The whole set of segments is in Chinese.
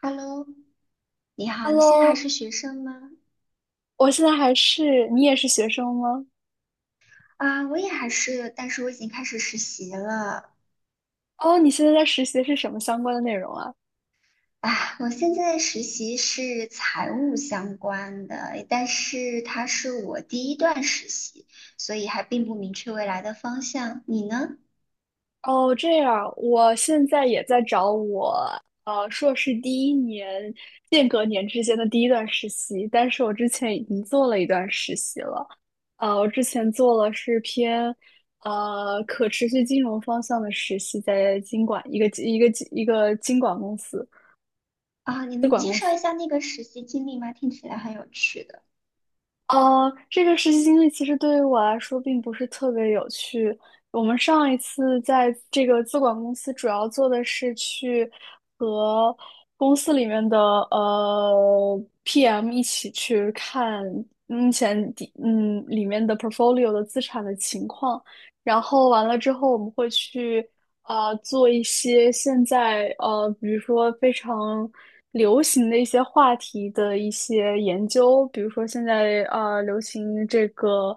Hello，你好，你现在还 Hello，是学生吗？我现在还是，你也是学生吗？我也还是，但是我已经开始实习了。哦，你现在在实习的是什么相关的内容啊？啊，我现在实习是财务相关的，但是它是我第1段实习，所以还并不明确未来的方向。你呢？哦，这样，我现在也在找我硕士第一年间隔年之间的第一段实习，但是我之前已经做了一段实习了。我之前做了是偏可持续金融方向的实习，在金管一个金管公司。你资能管介公绍一司。下那个实习经历吗？听起来很有趣的。这个实习经历其实对于我来说并不是特别有趣。我们上一次在这个资管公司，主要做的是去和公司里面的PM 一起去看目前里面的 portfolio 的资产的情况，然后完了之后，我们会去做一些现在比如说非常流行的一些话题的一些研究，比如说现在流行这个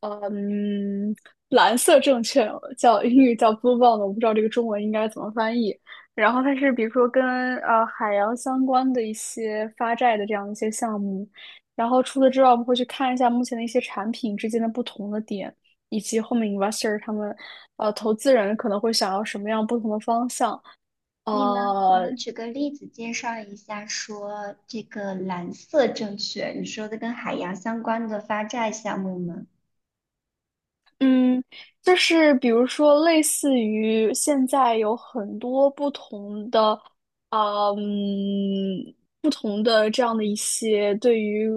呃嗯蓝色证券，叫英语叫 blue bond，我不知道这个中文应该怎么翻译。然后它是比如说跟海洋相关的一些发债的这样一些项目，然后除此之外，我们会去看一下目前的一些产品之间的不同的点。以及后面 investor 他们，呃，投资人可能会想要什么样不同的方向？你呢？你呃，能举个例子介绍一下，说这个蓝色证券，你说的跟海洋相关的发债项目吗？嗯，就是比如说，类似于现在有很多不同的，呃嗯，不同的这样的一些对于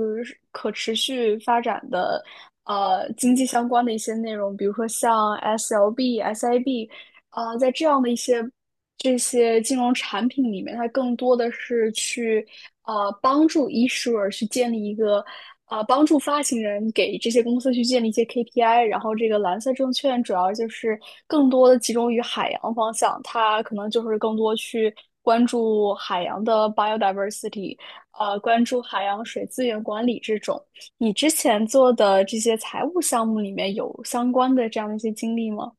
可持续发展的，经济相关的一些内容，比如说像 SLB、SIB，呃，在这样的一些。这些金融产品里面，它更多的是去帮助 issuer 去建立一个帮助发行人给这些公司去建立一些 KPI，然后这个蓝色证券主要就是更多的集中于海洋方向，它可能就是更多去关注海洋的 biodiversity，关注海洋水资源管理这种。你之前做的这些财务项目里面有相关的这样的一些经历吗？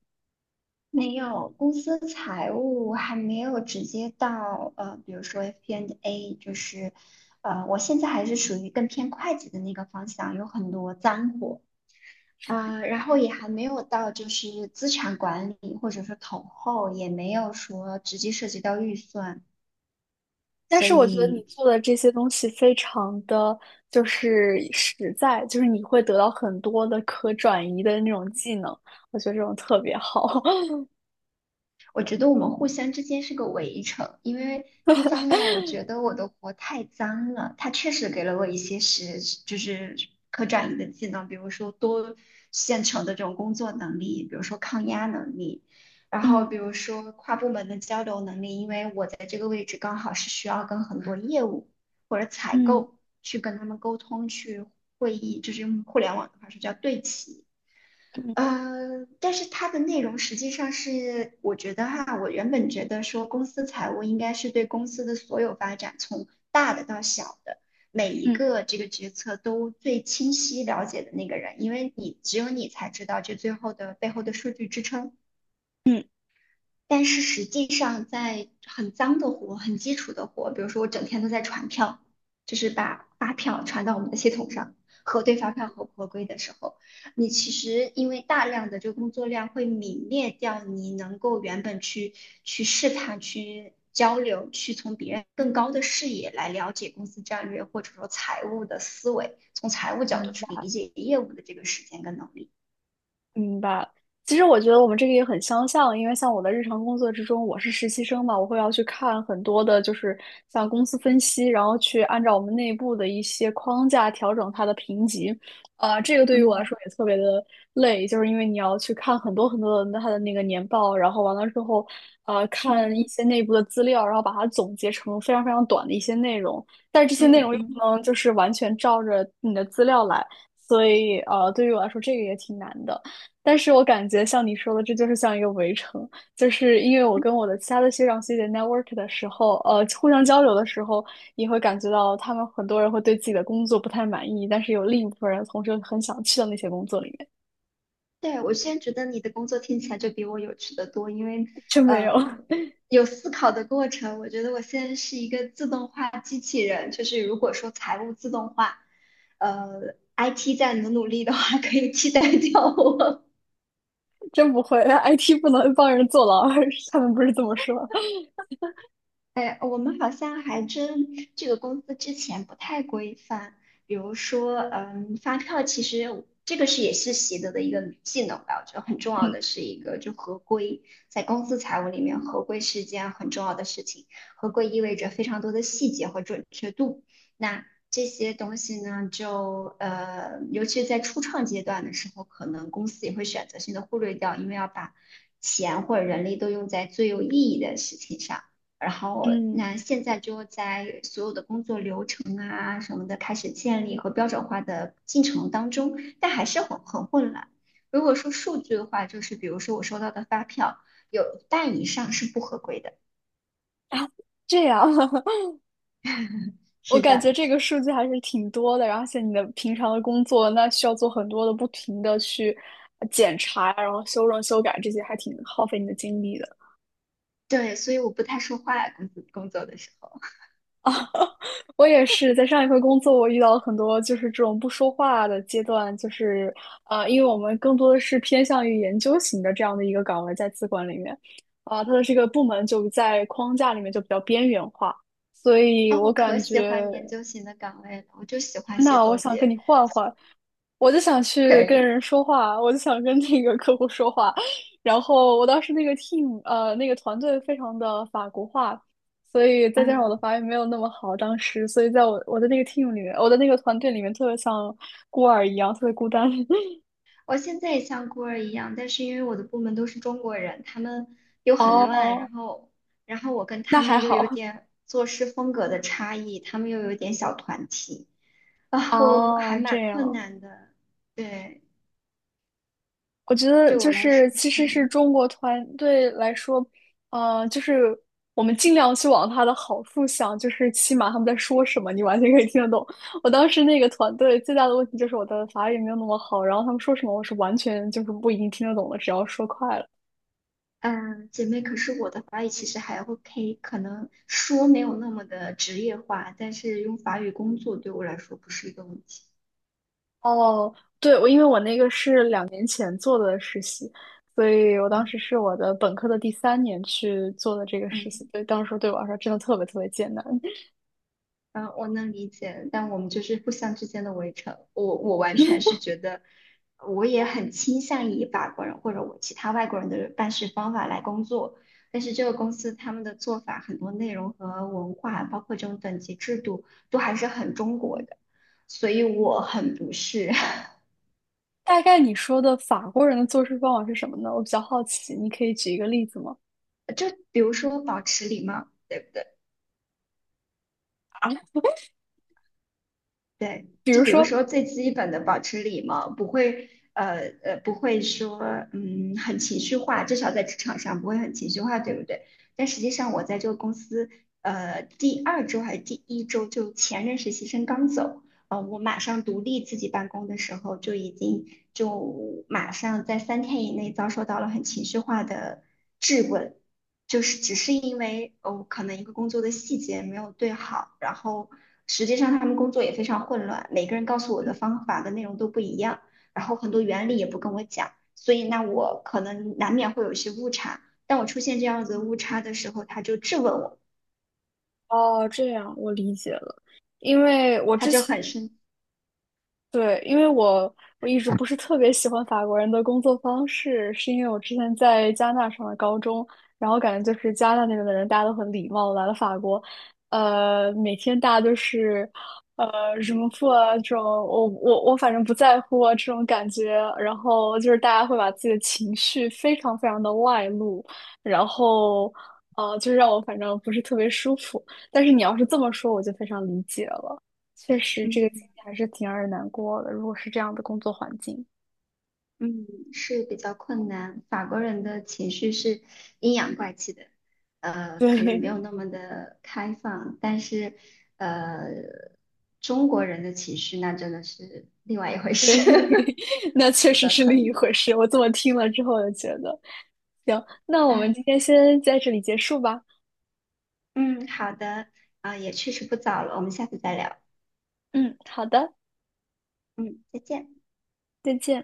没有，公司财务还没有直接到比如说 FP&A，就是我现在还是属于更偏会计的那个方向，有很多脏活啊，然后也还没有到就是资产管理或者是统后，也没有说直接涉及到预算，但所是我觉得你以做的这些东西非常的就是实在，就是你会得到很多的可转移的那种技能，我觉得这种特别好。我觉得我们互相之间是个围城，因为一方面我觉得我的活太脏了，它确实给了我一些实，就是可转移的技能，比如说多线程的这种工作能力，比如说抗压能力，然后嗯比如说跨部门的交流能力，因为我在这个位置刚好是需要跟很多业务或者采嗯购去跟他们沟通，去会议，就是用互联网的话说叫对齐。嗯但是它的内容实际上是，我觉得哈，我原本觉得说公司财务应该是对公司的所有发展，从大的到小的，每一嗯个这个决策都最清晰了解的那个人，因为你只有你才知道这最后的背后的数据支撑。嗯但是实际上，在很脏的活、很基础的活，比如说我整天都在传票，就是把发票传到我们的系统上，核对发票合不合规的时候，你其实因为大量的这个工作量会泯灭掉你能够原本去去试探、去交流、去从别人更高的视野来了解公司战略或者说财务的思维，从财务角度嗯，去理解业务的这个时间跟能力。明白。其实我觉得我们这个也很相像，因为像我的日常工作之中，我是实习生嘛，我会要去看很多的，就是像公司分析，然后去按照我们内部的一些框架调整它的评级。这个对于我来嗯说也特别的累，就是因为你要去看很多很多的它的那个年报，然后完了之后，看一嗯些内部的资料，然后把它总结成非常非常短的一些内容，但是这些内嗯容又不嗯。能就是完全照着你的资料来，所以对于我来说这个也挺难的。但是我感觉像你说的，这就是像一个围城，就是因为我跟我的其他的学长学姐 network 的时候，互相交流的时候，你会感觉到他们很多人会对自己的工作不太满意，但是有另一部分人同时很想去到那些工作里面。对，我现在觉得你的工作听起来就比我有趣的多，因为真没有，呃有思考的过程。我觉得我现在是一个自动化机器人，就是如果说财务自动化，IT 再努努力的话，可以替代掉我。真不会，IT 不能帮人坐牢，他们不是这么说。哎，我们好像还真这个公司之前不太规范，比如说，嗯，发票其实这个是也是习得的一个技能吧，我觉得很重 要嗯的是一个就合规，在公司财务里面，合规是件很重要的事情，合规意味着非常多的细节和准确度，那这些东西呢，尤其在初创阶段的时候，可能公司也会选择性的忽略掉，因为要把钱或者人力都用在最有意义的事情上。然后嗯。那现在就在所有的工作流程啊什么的开始建立和标准化的进程当中，但还是很混乱。如果说数据的话，就是比如说我收到的发票有半以上是不合规的。啊，这样。我是感觉的，这个数据还是挺多的，而且你的平常的工作，那需要做很多的不停的去检查，然后修正、修改这些，还挺耗费你的精力的。对，所以我不太说话，工作的时候我也是在上一份工作，我遇到了很多就是这种不说话的阶段，就是因为我们更多的是偏向于研究型的这样的一个岗位，在资管里面，啊、它的这个部门就在框架里面就比较边缘化，所以啊 我我可感觉。喜欢研究型的岗位了，我就喜欢写那我总想跟结，你换换，我就想可去跟以，人说话，我就想跟那个客户说话。然后我当时那个 team 那个团队非常的法国化，所以再加上我的嗯。法语没有那么好，当时所以在我的那个 team 里面，我的那个团队里面特别像孤儿一样，特别孤单。我现在也像孤儿一样，但是因为我的部门都是中国人，他们又很乱，哦，然后，然后我跟那他还们又有好。 点做事风格的差异，他们又有点小团体，然 后还哦，这蛮困样难的。对，我觉得对我就来是说其是实很是难。中国团队来说，就是我们尽量去往它的好处想，就是起码他们在说什么，你完全可以听得懂。我当时那个团队最大的问题就是我的法语没有那么好，然后他们说什么我是完全就是不一定听得懂的，只要说快了。嗯，姐妹，可是我的法语其实还 OK，可能说没有那么的职业化，但是用法语工作对我来说不是一个问题。哦，对，我因为我那个是两年前做的实习，所以我当嗯，时是我的本科的第三年去做的这个实习，嗯。所以当时对我来说真的特别特别艰难。嗯，我能理解，但我们就是互相之间的围城。我完全是觉得，我也很倾向以法国人或者我其他外国人的办事方法来工作，但是这个公司他们的做法很多内容和文化，包括这种等级制度，都还是很中国的，所以我很不适。大概你说的法国人的做事方法是什么呢？我比较好奇，你可以举一个例子吗？就比如说保持礼貌，对不对？对，比就如比如说，说最基本的保持礼貌，不会不会说很情绪化，至少在职场上不会很情绪化，对不对？但实际上我在这个公司第2周还是第1周，就前任实习生刚走，我马上独立自己办公的时候，就已经就马上在3天以内遭受到了很情绪化的质问。就是只是因为哦，可能一个工作的细节没有对好，然后实际上他们工作也非常混乱，每个人告诉我的方法的内容都不一样，然后很多原理也不跟我讲，所以那我可能难免会有一些误差。当我出现这样子的误差的时候，他就质问我，哦，这样我理解了，因为我他之就前很生，对，因为我一直不是特别喜欢法国人的工作方式，是因为我之前在加拿大上的高中，然后感觉就是加拿大那边的人大家都很礼貌，来了法国，每天大家都是什么破啊这种，我反正不在乎啊这种感觉，然后就是大家会把自己的情绪非常非常的外露，然后就让我反正不是特别舒服，但是你要是这么说，我就非常理解了。确实这个经嗯。历还是挺让人难过的。如果是这样的工作环境，嗯，是比较困难。法国人的情绪是阴阳怪气的，可能没对。 有那么的开放，但是呃，中国人的情绪那真的是另外一回 事，对，那确比实较是困另一难。回事。我这么听了之后，就觉得行。那我们哎，今天先在这里结束吧。嗯，好的，也确实不早了，我们下次再聊。嗯，好的，嗯，再见。再见。